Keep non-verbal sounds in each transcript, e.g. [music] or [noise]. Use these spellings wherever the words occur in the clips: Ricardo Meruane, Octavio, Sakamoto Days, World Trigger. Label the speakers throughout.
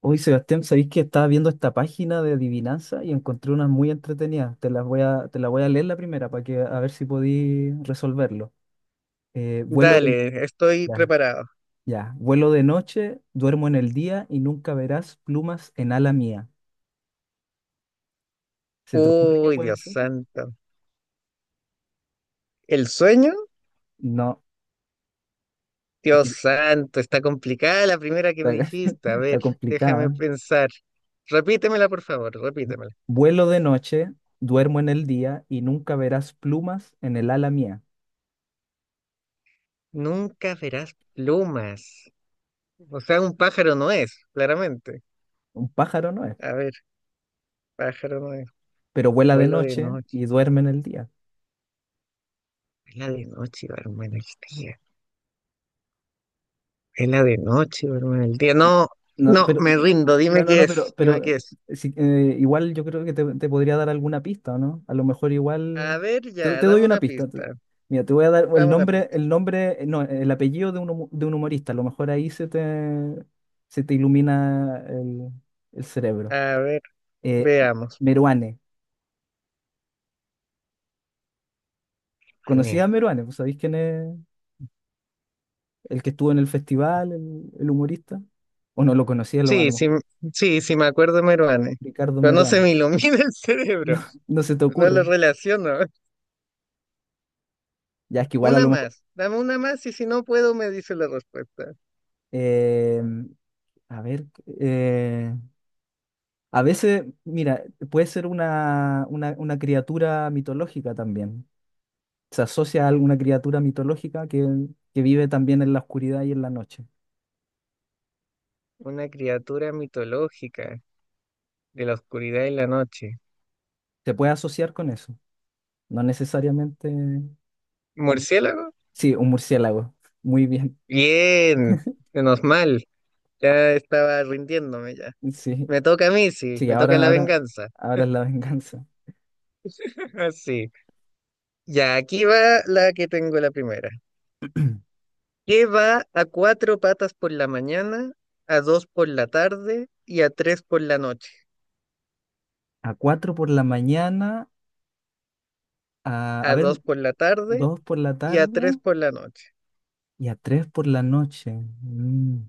Speaker 1: Hoy, Sebastián, sabéis que estaba viendo esta página de adivinanza y encontré unas muy entretenidas. Te la voy a leer la primera para que a ver si podí resolverlo. Eh, vuelo de,
Speaker 2: Dale, estoy
Speaker 1: ya,
Speaker 2: preparado.
Speaker 1: ya. Vuelo de noche, duermo en el día y nunca verás plumas en ala mía. ¿Se te ocurre qué
Speaker 2: Uy,
Speaker 1: puede
Speaker 2: Dios
Speaker 1: ser?
Speaker 2: santo. ¿El sueño?
Speaker 1: No,
Speaker 2: Dios
Speaker 1: aquí
Speaker 2: santo, está complicada la primera que me
Speaker 1: está, [laughs]
Speaker 2: dijiste. A
Speaker 1: está
Speaker 2: ver, déjame
Speaker 1: complicada.
Speaker 2: pensar. Repítemela, por favor, repítemela.
Speaker 1: Vuelo de noche, duermo en el día y nunca verás plumas en el ala mía.
Speaker 2: Nunca verás plumas. O sea, un pájaro no es, claramente.
Speaker 1: Un pájaro no es,
Speaker 2: A ver, pájaro no es.
Speaker 1: pero vuela de
Speaker 2: Vuelo de
Speaker 1: noche
Speaker 2: noche.
Speaker 1: y duerme en el día.
Speaker 2: Vela de noche, hermano, el día. Vela de noche, hermano, el día. No,
Speaker 1: No,
Speaker 2: no,
Speaker 1: pero,
Speaker 2: me rindo.
Speaker 1: no,
Speaker 2: Dime
Speaker 1: no,
Speaker 2: qué
Speaker 1: no,
Speaker 2: es,
Speaker 1: pero,
Speaker 2: dime qué
Speaker 1: pero
Speaker 2: es.
Speaker 1: sí, igual yo creo que te podría dar alguna pista, ¿o no? A lo mejor
Speaker 2: A
Speaker 1: igual.
Speaker 2: ver, ya,
Speaker 1: Te
Speaker 2: dame
Speaker 1: doy una
Speaker 2: una
Speaker 1: pista.
Speaker 2: pista.
Speaker 1: Mira, te voy a dar el
Speaker 2: Dame una
Speaker 1: nombre,
Speaker 2: pista.
Speaker 1: no, el apellido de de un humorista. A lo mejor ahí se te ilumina el cerebro.
Speaker 2: A ver.
Speaker 1: Eh,
Speaker 2: Veamos.
Speaker 1: Meruane. ¿Conocías
Speaker 2: Mané.
Speaker 1: a Meruane? ¿Pues ¿sabéis quién es el que estuvo en el festival, el humorista? ¿O no lo conocías a
Speaker 2: Sí,
Speaker 1: lo
Speaker 2: sí,
Speaker 1: mejor?
Speaker 2: sí, sí me acuerdo de Meruane.
Speaker 1: Ricardo
Speaker 2: Pero no se
Speaker 1: Meruane. [laughs]
Speaker 2: me ilumina [laughs] el cerebro.
Speaker 1: No, no se te
Speaker 2: No lo
Speaker 1: ocurre.
Speaker 2: relaciono.
Speaker 1: Ya es que igual a
Speaker 2: Una
Speaker 1: lo mejor.
Speaker 2: más. Dame una más y si no puedo me dice la respuesta.
Speaker 1: Eh, a ver, eh, a veces, mira, puede ser una criatura mitológica también. Se asocia a alguna criatura mitológica que vive también en la oscuridad y en la noche.
Speaker 2: Una criatura mitológica de la oscuridad y la noche.
Speaker 1: Se puede asociar con eso. No necesariamente.
Speaker 2: ¿Murciélago?
Speaker 1: Sí, un murciélago. Muy bien. [laughs]
Speaker 2: Bien. Menos mal. Ya estaba rindiéndome ya.
Speaker 1: Sí,
Speaker 2: Me toca a mí, sí.
Speaker 1: sí,
Speaker 2: Me toca la venganza.
Speaker 1: ahora es la venganza.
Speaker 2: [laughs] Así. Ya, aquí va la que tengo la primera. Que va a cuatro patas por la mañana, a dos por la tarde y a tres por la noche.
Speaker 1: A cuatro por la mañana, a
Speaker 2: A
Speaker 1: ver,
Speaker 2: dos por la tarde
Speaker 1: dos por la
Speaker 2: y a
Speaker 1: tarde
Speaker 2: tres por la noche.
Speaker 1: y a tres por la noche. Mm.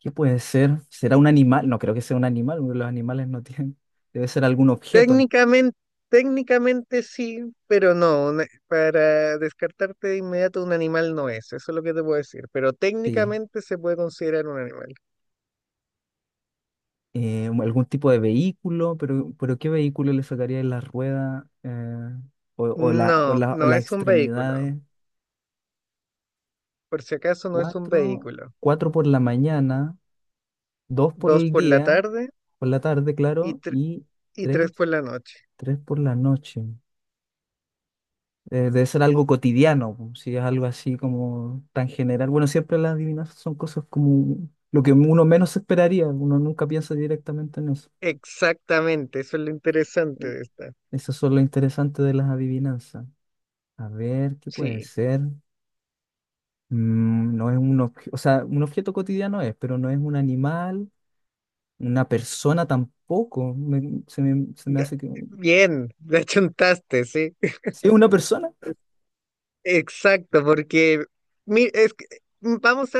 Speaker 1: ¿Qué puede ser? ¿Será un animal? No creo que sea un animal, porque los animales no tienen. Debe ser algún objeto,
Speaker 2: Técnicamente, técnicamente sí, pero no. Para descartarte de inmediato, un animal no es. Eso es lo que te puedo decir. Pero
Speaker 1: sí.
Speaker 2: técnicamente se puede considerar un animal.
Speaker 1: Algún tipo de vehículo, pero ¿qué vehículo le sacaría la rueda
Speaker 2: No,
Speaker 1: o
Speaker 2: no
Speaker 1: las
Speaker 2: es un vehículo.
Speaker 1: extremidades?
Speaker 2: Por si acaso, no es un
Speaker 1: Cuatro,
Speaker 2: vehículo.
Speaker 1: cuatro por la mañana, dos por
Speaker 2: Dos
Speaker 1: el
Speaker 2: por la
Speaker 1: día,
Speaker 2: tarde
Speaker 1: por la tarde,
Speaker 2: y,
Speaker 1: claro,
Speaker 2: tre-
Speaker 1: y
Speaker 2: y tres
Speaker 1: tres,
Speaker 2: por la noche.
Speaker 1: tres por la noche. Debe ser algo cotidiano, po, si es algo así como tan general. Bueno, siempre las adivinanzas son cosas como lo que uno menos esperaría, uno nunca piensa directamente en eso.
Speaker 2: Exactamente, eso es lo interesante
Speaker 1: Eh,
Speaker 2: de esta.
Speaker 1: Eso es lo interesante de las adivinanzas. A ver, ¿qué puede
Speaker 2: Sí,
Speaker 1: ser? Mm, no es un objeto, o sea, un objeto cotidiano es, pero no es un animal, una persona tampoco. Se me
Speaker 2: ga-
Speaker 1: hace que...
Speaker 2: bien, la chuntaste, sí.
Speaker 1: ¿Sí es una persona? [laughs]
Speaker 2: Exacto, porque mi- es que- vamos a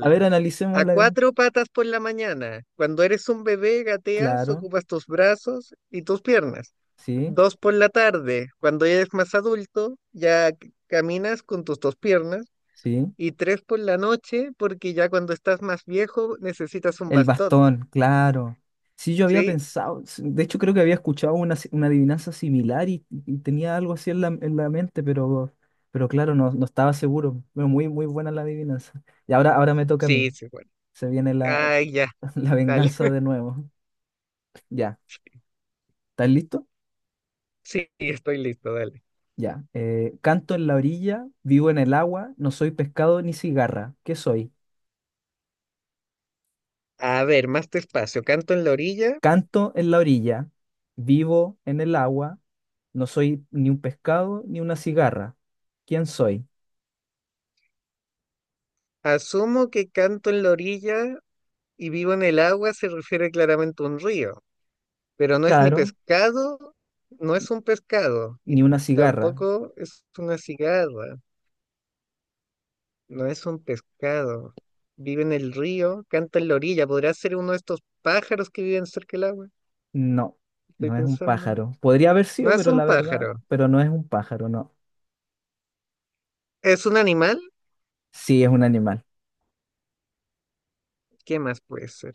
Speaker 1: A ver,
Speaker 2: A
Speaker 1: analicémosla bien.
Speaker 2: cuatro patas por la mañana, cuando eres un bebé, gateas,
Speaker 1: Claro,
Speaker 2: ocupas tus brazos y tus piernas.
Speaker 1: sí,
Speaker 2: Dos por la tarde, cuando ya eres más adulto, ya caminas con tus dos piernas.
Speaker 1: sí.
Speaker 2: Y tres por la noche, porque ya cuando estás más viejo necesitas un
Speaker 1: El
Speaker 2: bastón,
Speaker 1: bastón, claro. Sí, yo había
Speaker 2: ¿sí?
Speaker 1: pensado, de hecho creo que había escuchado una, si- una adivinanza similar y tenía algo así en en la mente, pero claro, no, no estaba seguro. Pero muy, muy buena la adivinanza. Y ahora, ahora me toca a mí.
Speaker 2: Sí, sí, bueno.
Speaker 1: Se viene la,
Speaker 2: Ay, ya,
Speaker 1: [laughs] la
Speaker 2: dale.
Speaker 1: venganza
Speaker 2: [laughs]
Speaker 1: de nuevo. Ya, ¿estás listo?
Speaker 2: Sí, estoy listo, dale.
Speaker 1: Ya. Canto en la orilla, vivo en el agua, no soy pescado ni cigarra. ¿Qué soy?
Speaker 2: A ver, más despacio. Canto en la orilla.
Speaker 1: Canto en la orilla, vivo en el agua, no soy ni un pescado ni una cigarra. ¿Quién soy?
Speaker 2: Asumo que canto en la orilla y vivo en el agua se refiere claramente a un río, pero no es ni
Speaker 1: Claro,
Speaker 2: pescado, no es un pescado y
Speaker 1: ni una cigarra.
Speaker 2: tampoco es una cigarra, no es un pescado. Vive en el río, canta en la orilla. ¿Podrá ser uno de estos pájaros que viven cerca del agua?
Speaker 1: No,
Speaker 2: Estoy
Speaker 1: no es un
Speaker 2: pensando.
Speaker 1: pájaro. Podría haber
Speaker 2: No
Speaker 1: sido,
Speaker 2: es
Speaker 1: pero
Speaker 2: un
Speaker 1: la verdad,
Speaker 2: pájaro,
Speaker 1: pero no es un pájaro, no.
Speaker 2: es un animal.
Speaker 1: Sí, es un animal.
Speaker 2: ¿Qué más puede ser?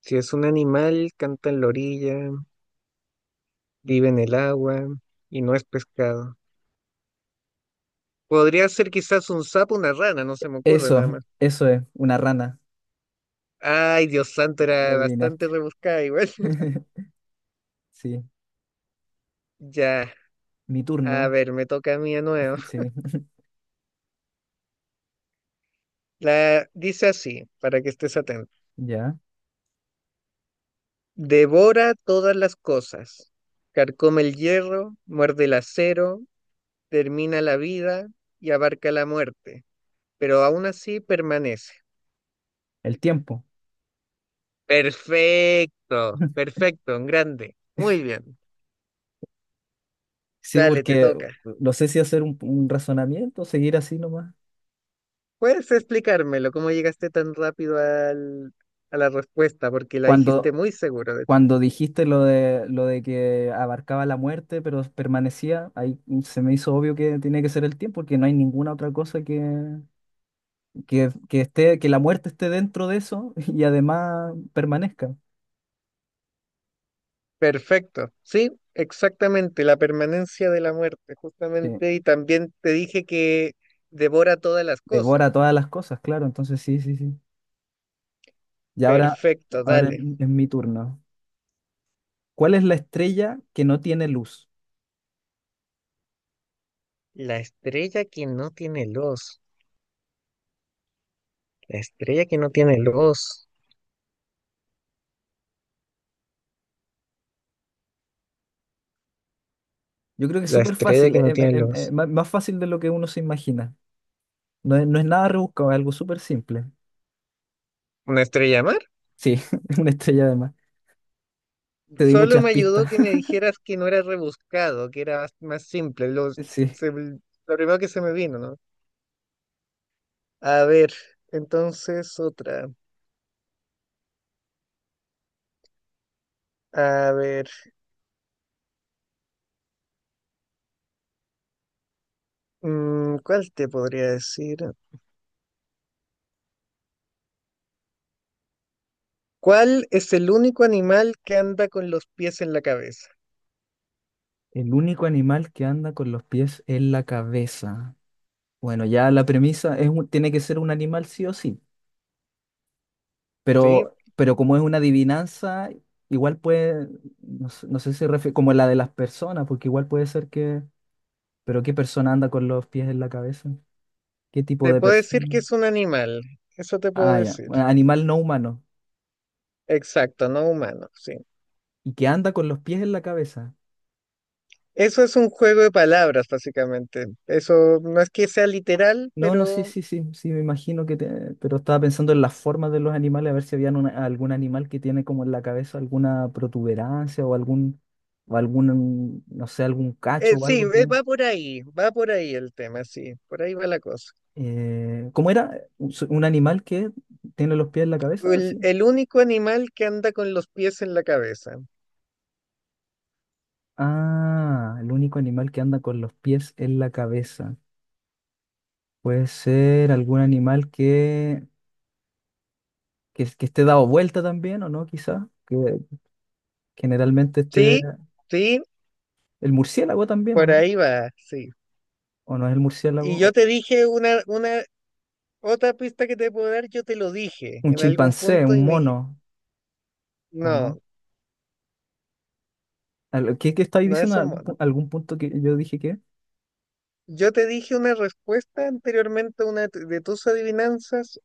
Speaker 2: Si es un animal, canta en la orilla, vive en el agua y no es pescado. Podría ser quizás un sapo, una rana, no se me ocurre
Speaker 1: Eso,
Speaker 2: nada más.
Speaker 1: eso es, una rana.
Speaker 2: Ay, Dios santo,
Speaker 1: Lo
Speaker 2: era
Speaker 1: adivinaste.
Speaker 2: bastante rebuscada igual. [laughs]
Speaker 1: [laughs] Sí,
Speaker 2: Ya,
Speaker 1: mi
Speaker 2: a
Speaker 1: turno.
Speaker 2: ver, me toca a mí de nuevo.
Speaker 1: Sí, [laughs]
Speaker 2: La dice así, para que estés atento.
Speaker 1: ya.
Speaker 2: Devora todas las cosas, carcome el hierro, muerde el acero, termina la vida y abarca la muerte, pero aún así permanece.
Speaker 1: El tiempo.
Speaker 2: Perfecto,
Speaker 1: [laughs]
Speaker 2: perfecto, en grande. Muy bien.
Speaker 1: Sí,
Speaker 2: Dale, te
Speaker 1: porque
Speaker 2: toca.
Speaker 1: no sé si hacer un razonamiento, seguir así nomás.
Speaker 2: ¿Puedes explicármelo? ¿Cómo llegaste tan rápido a la respuesta? Porque la dijiste
Speaker 1: Cuando,
Speaker 2: muy seguro, de hecho.
Speaker 1: cuando dijiste lo de que abarcaba la muerte, pero permanecía, ahí se me hizo obvio que tiene que ser el tiempo, porque no hay ninguna otra cosa que... que esté, que la muerte esté dentro de eso [laughs] y además permanezca.
Speaker 2: Perfecto. Sí, exactamente. La permanencia de la muerte,
Speaker 1: Sí,
Speaker 2: justamente. Y también te dije que devora todas las
Speaker 1: devora
Speaker 2: cosas.
Speaker 1: todas las cosas, claro. Entonces, sí, sí, sí. Y ahora,
Speaker 2: Perfecto,
Speaker 1: ahora es
Speaker 2: dale.
Speaker 1: es mi turno. ¿Cuál es la estrella que no tiene luz?
Speaker 2: La estrella que no tiene luz. La estrella que no tiene luz.
Speaker 1: Yo creo que es
Speaker 2: La
Speaker 1: súper
Speaker 2: estrella
Speaker 1: fácil,
Speaker 2: que no tiene luz.
Speaker 1: más fácil de lo que uno se imagina. No es nada rebuscado, es algo súper simple.
Speaker 2: ¿Una estrella mar?
Speaker 1: Sí, [laughs] es una estrella además. Te di
Speaker 2: Solo
Speaker 1: muchas
Speaker 2: me
Speaker 1: pistas.
Speaker 2: ayudó que me
Speaker 1: [laughs]
Speaker 2: dijeras que no era rebuscado, que era más simple. Los,
Speaker 1: Sí.
Speaker 2: lo primero que se me vino, ¿no? A ver, entonces otra. A ver, ¿cuál te podría decir? ¿Cuál es el único animal que anda con los pies en la cabeza?
Speaker 1: El único animal que anda con los pies en la cabeza. Bueno, ya la premisa es un- tiene que ser un animal sí o sí.
Speaker 2: ¿Sí?
Speaker 1: Pero como es una adivinanza, igual puede, no sé, no sé si refiere, como la de las personas, porque igual puede ser que, pero ¿qué persona anda con los pies en la cabeza? ¿Qué tipo
Speaker 2: Te
Speaker 1: de
Speaker 2: puedo decir que
Speaker 1: persona?
Speaker 2: es un animal, eso te puedo
Speaker 1: Ah, ya,
Speaker 2: decir.
Speaker 1: bueno, animal no humano,
Speaker 2: Exacto, no humano, sí.
Speaker 1: y que anda con los pies en la cabeza.
Speaker 2: Eso es un juego de palabras, básicamente. Eso no es que sea literal,
Speaker 1: No, no, sí,
Speaker 2: pero
Speaker 1: sí, sí, sí, me imagino que, pero estaba pensando en las formas de los animales, a ver si había algún animal que tiene como en la cabeza alguna protuberancia o algún, no sé, algún cacho o
Speaker 2: sí,
Speaker 1: algo que...
Speaker 2: va por ahí el tema, sí, por ahí va la cosa.
Speaker 1: ¿Cómo era? Un animal que tiene los pies en la cabeza? Sí.
Speaker 2: El único animal que anda con los pies en la cabeza.
Speaker 1: Ah, el único animal que anda con los pies en la cabeza. Puede ser algún animal que esté dado vuelta también, ¿o no? Quizás. Que generalmente esté.
Speaker 2: Sí, sí.
Speaker 1: El murciélago también, ¿o
Speaker 2: Por
Speaker 1: no?
Speaker 2: ahí va, sí.
Speaker 1: ¿O no es el
Speaker 2: Y
Speaker 1: murciélago?
Speaker 2: yo te dije otra pista que te puedo dar, yo te lo dije
Speaker 1: Un
Speaker 2: en algún
Speaker 1: chimpancé, un
Speaker 2: punto y me dijiste,
Speaker 1: mono, ¿o no?
Speaker 2: no,
Speaker 1: ¿Qué, qué estáis
Speaker 2: no es
Speaker 1: diciendo?
Speaker 2: un
Speaker 1: ¿Algún
Speaker 2: mono.
Speaker 1: algún punto que yo dije que?
Speaker 2: Yo te dije una respuesta anteriormente a una de tus adivinanzas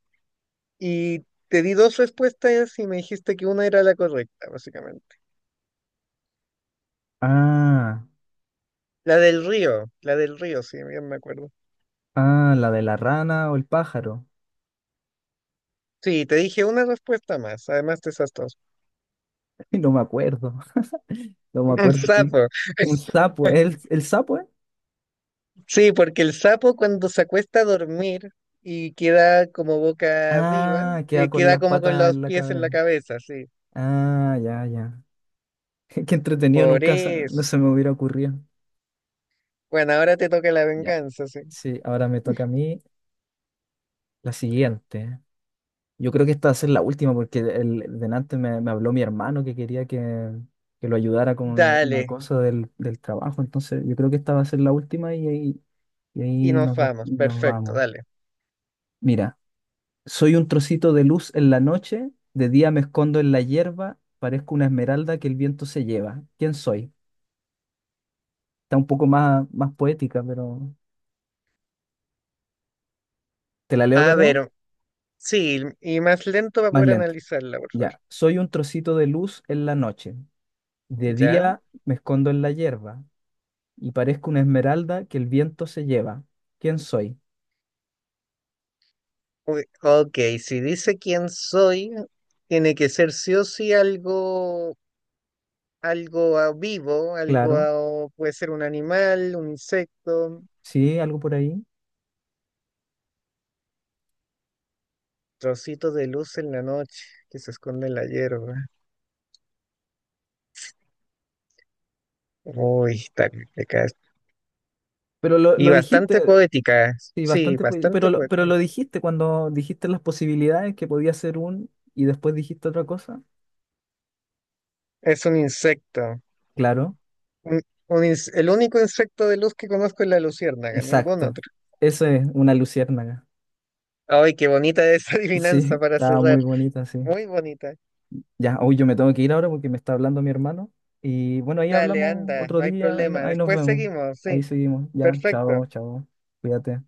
Speaker 2: y te di dos respuestas y me dijiste que una era la correcta, básicamente.
Speaker 1: Ah,
Speaker 2: La del río, sí, bien me acuerdo.
Speaker 1: ah, la de la rana o el pájaro.
Speaker 2: Sí, te dije una respuesta más, además de esas dos.
Speaker 1: [laughs] No me acuerdo. No me
Speaker 2: [laughs] Un
Speaker 1: acuerdo que
Speaker 2: sapo.
Speaker 1: un sapo. El sapo, eh?
Speaker 2: Sí, porque el sapo cuando se acuesta a dormir y queda como boca arriba,
Speaker 1: Ah, queda con
Speaker 2: queda
Speaker 1: las
Speaker 2: como con
Speaker 1: patas
Speaker 2: los
Speaker 1: en la
Speaker 2: pies en la
Speaker 1: cabeza.
Speaker 2: cabeza, sí.
Speaker 1: Ah, ya, ya. [laughs] Qué entretenido,
Speaker 2: Por
Speaker 1: nunca se- no
Speaker 2: eso.
Speaker 1: se me hubiera ocurrido.
Speaker 2: Bueno, ahora te toca la
Speaker 1: Ya.
Speaker 2: venganza, sí.
Speaker 1: Sí, ahora me toca a mí la siguiente. Yo creo que esta va a ser la última porque el, delante me habló mi hermano que quería que lo ayudara con
Speaker 2: Dale,
Speaker 1: una cosa del trabajo. Entonces, yo creo que esta va a ser la última y
Speaker 2: y
Speaker 1: ahí
Speaker 2: nos vamos.
Speaker 1: nos
Speaker 2: Perfecto,
Speaker 1: vamos.
Speaker 2: dale.
Speaker 1: Mira. Soy un trocito de luz en la noche, de día me escondo en la hierba, parezco una esmeralda que el viento se lleva. ¿Quién soy? Está un poco más, más poética, pero te la leo de
Speaker 2: A
Speaker 1: nuevo,
Speaker 2: ver, sí, y más lento para
Speaker 1: más
Speaker 2: poder
Speaker 1: lento.
Speaker 2: analizarla, por favor.
Speaker 1: Ya, soy un trocito de luz en la noche, de
Speaker 2: ¿Ya?
Speaker 1: día me escondo en la hierba y parezco una esmeralda que el viento se lleva. ¿Quién soy?
Speaker 2: Uy, ok, si dice quién soy, tiene que ser sí o sí algo, algo vivo, algo,
Speaker 1: Claro,
Speaker 2: puede ser un animal, un insecto.
Speaker 1: sí, algo por ahí.
Speaker 2: Trocito de luz en la noche que se esconde en la hierba. Uy, está complicada.
Speaker 1: Pero
Speaker 2: Y
Speaker 1: lo
Speaker 2: bastante
Speaker 1: dijiste,
Speaker 2: poética,
Speaker 1: sí,
Speaker 2: sí,
Speaker 1: bastante, pero
Speaker 2: bastante
Speaker 1: pero
Speaker 2: poética.
Speaker 1: lo dijiste cuando dijiste las posibilidades que podía ser un y después dijiste otra cosa.
Speaker 2: Es un insecto.
Speaker 1: Claro,
Speaker 2: un- el único insecto de luz que conozco es la luciérnaga, ningún
Speaker 1: exacto.
Speaker 2: otro.
Speaker 1: Eso es una luciérnaga.
Speaker 2: Ay, qué bonita esa [laughs]
Speaker 1: Sí,
Speaker 2: adivinanza
Speaker 1: [laughs]
Speaker 2: para
Speaker 1: estaba
Speaker 2: cerrar.
Speaker 1: muy bonita, sí.
Speaker 2: Muy bonita.
Speaker 1: Ya, hoy yo me tengo que ir ahora porque me está hablando mi hermano. Y bueno, ahí
Speaker 2: Dale,
Speaker 1: hablamos
Speaker 2: anda,
Speaker 1: otro
Speaker 2: no hay
Speaker 1: día, ahí,
Speaker 2: problema.
Speaker 1: ahí nos
Speaker 2: Después
Speaker 1: vemos.
Speaker 2: seguimos, sí.
Speaker 1: Ahí seguimos. Ya,
Speaker 2: Perfecto.
Speaker 1: chao, chao. Cuídate.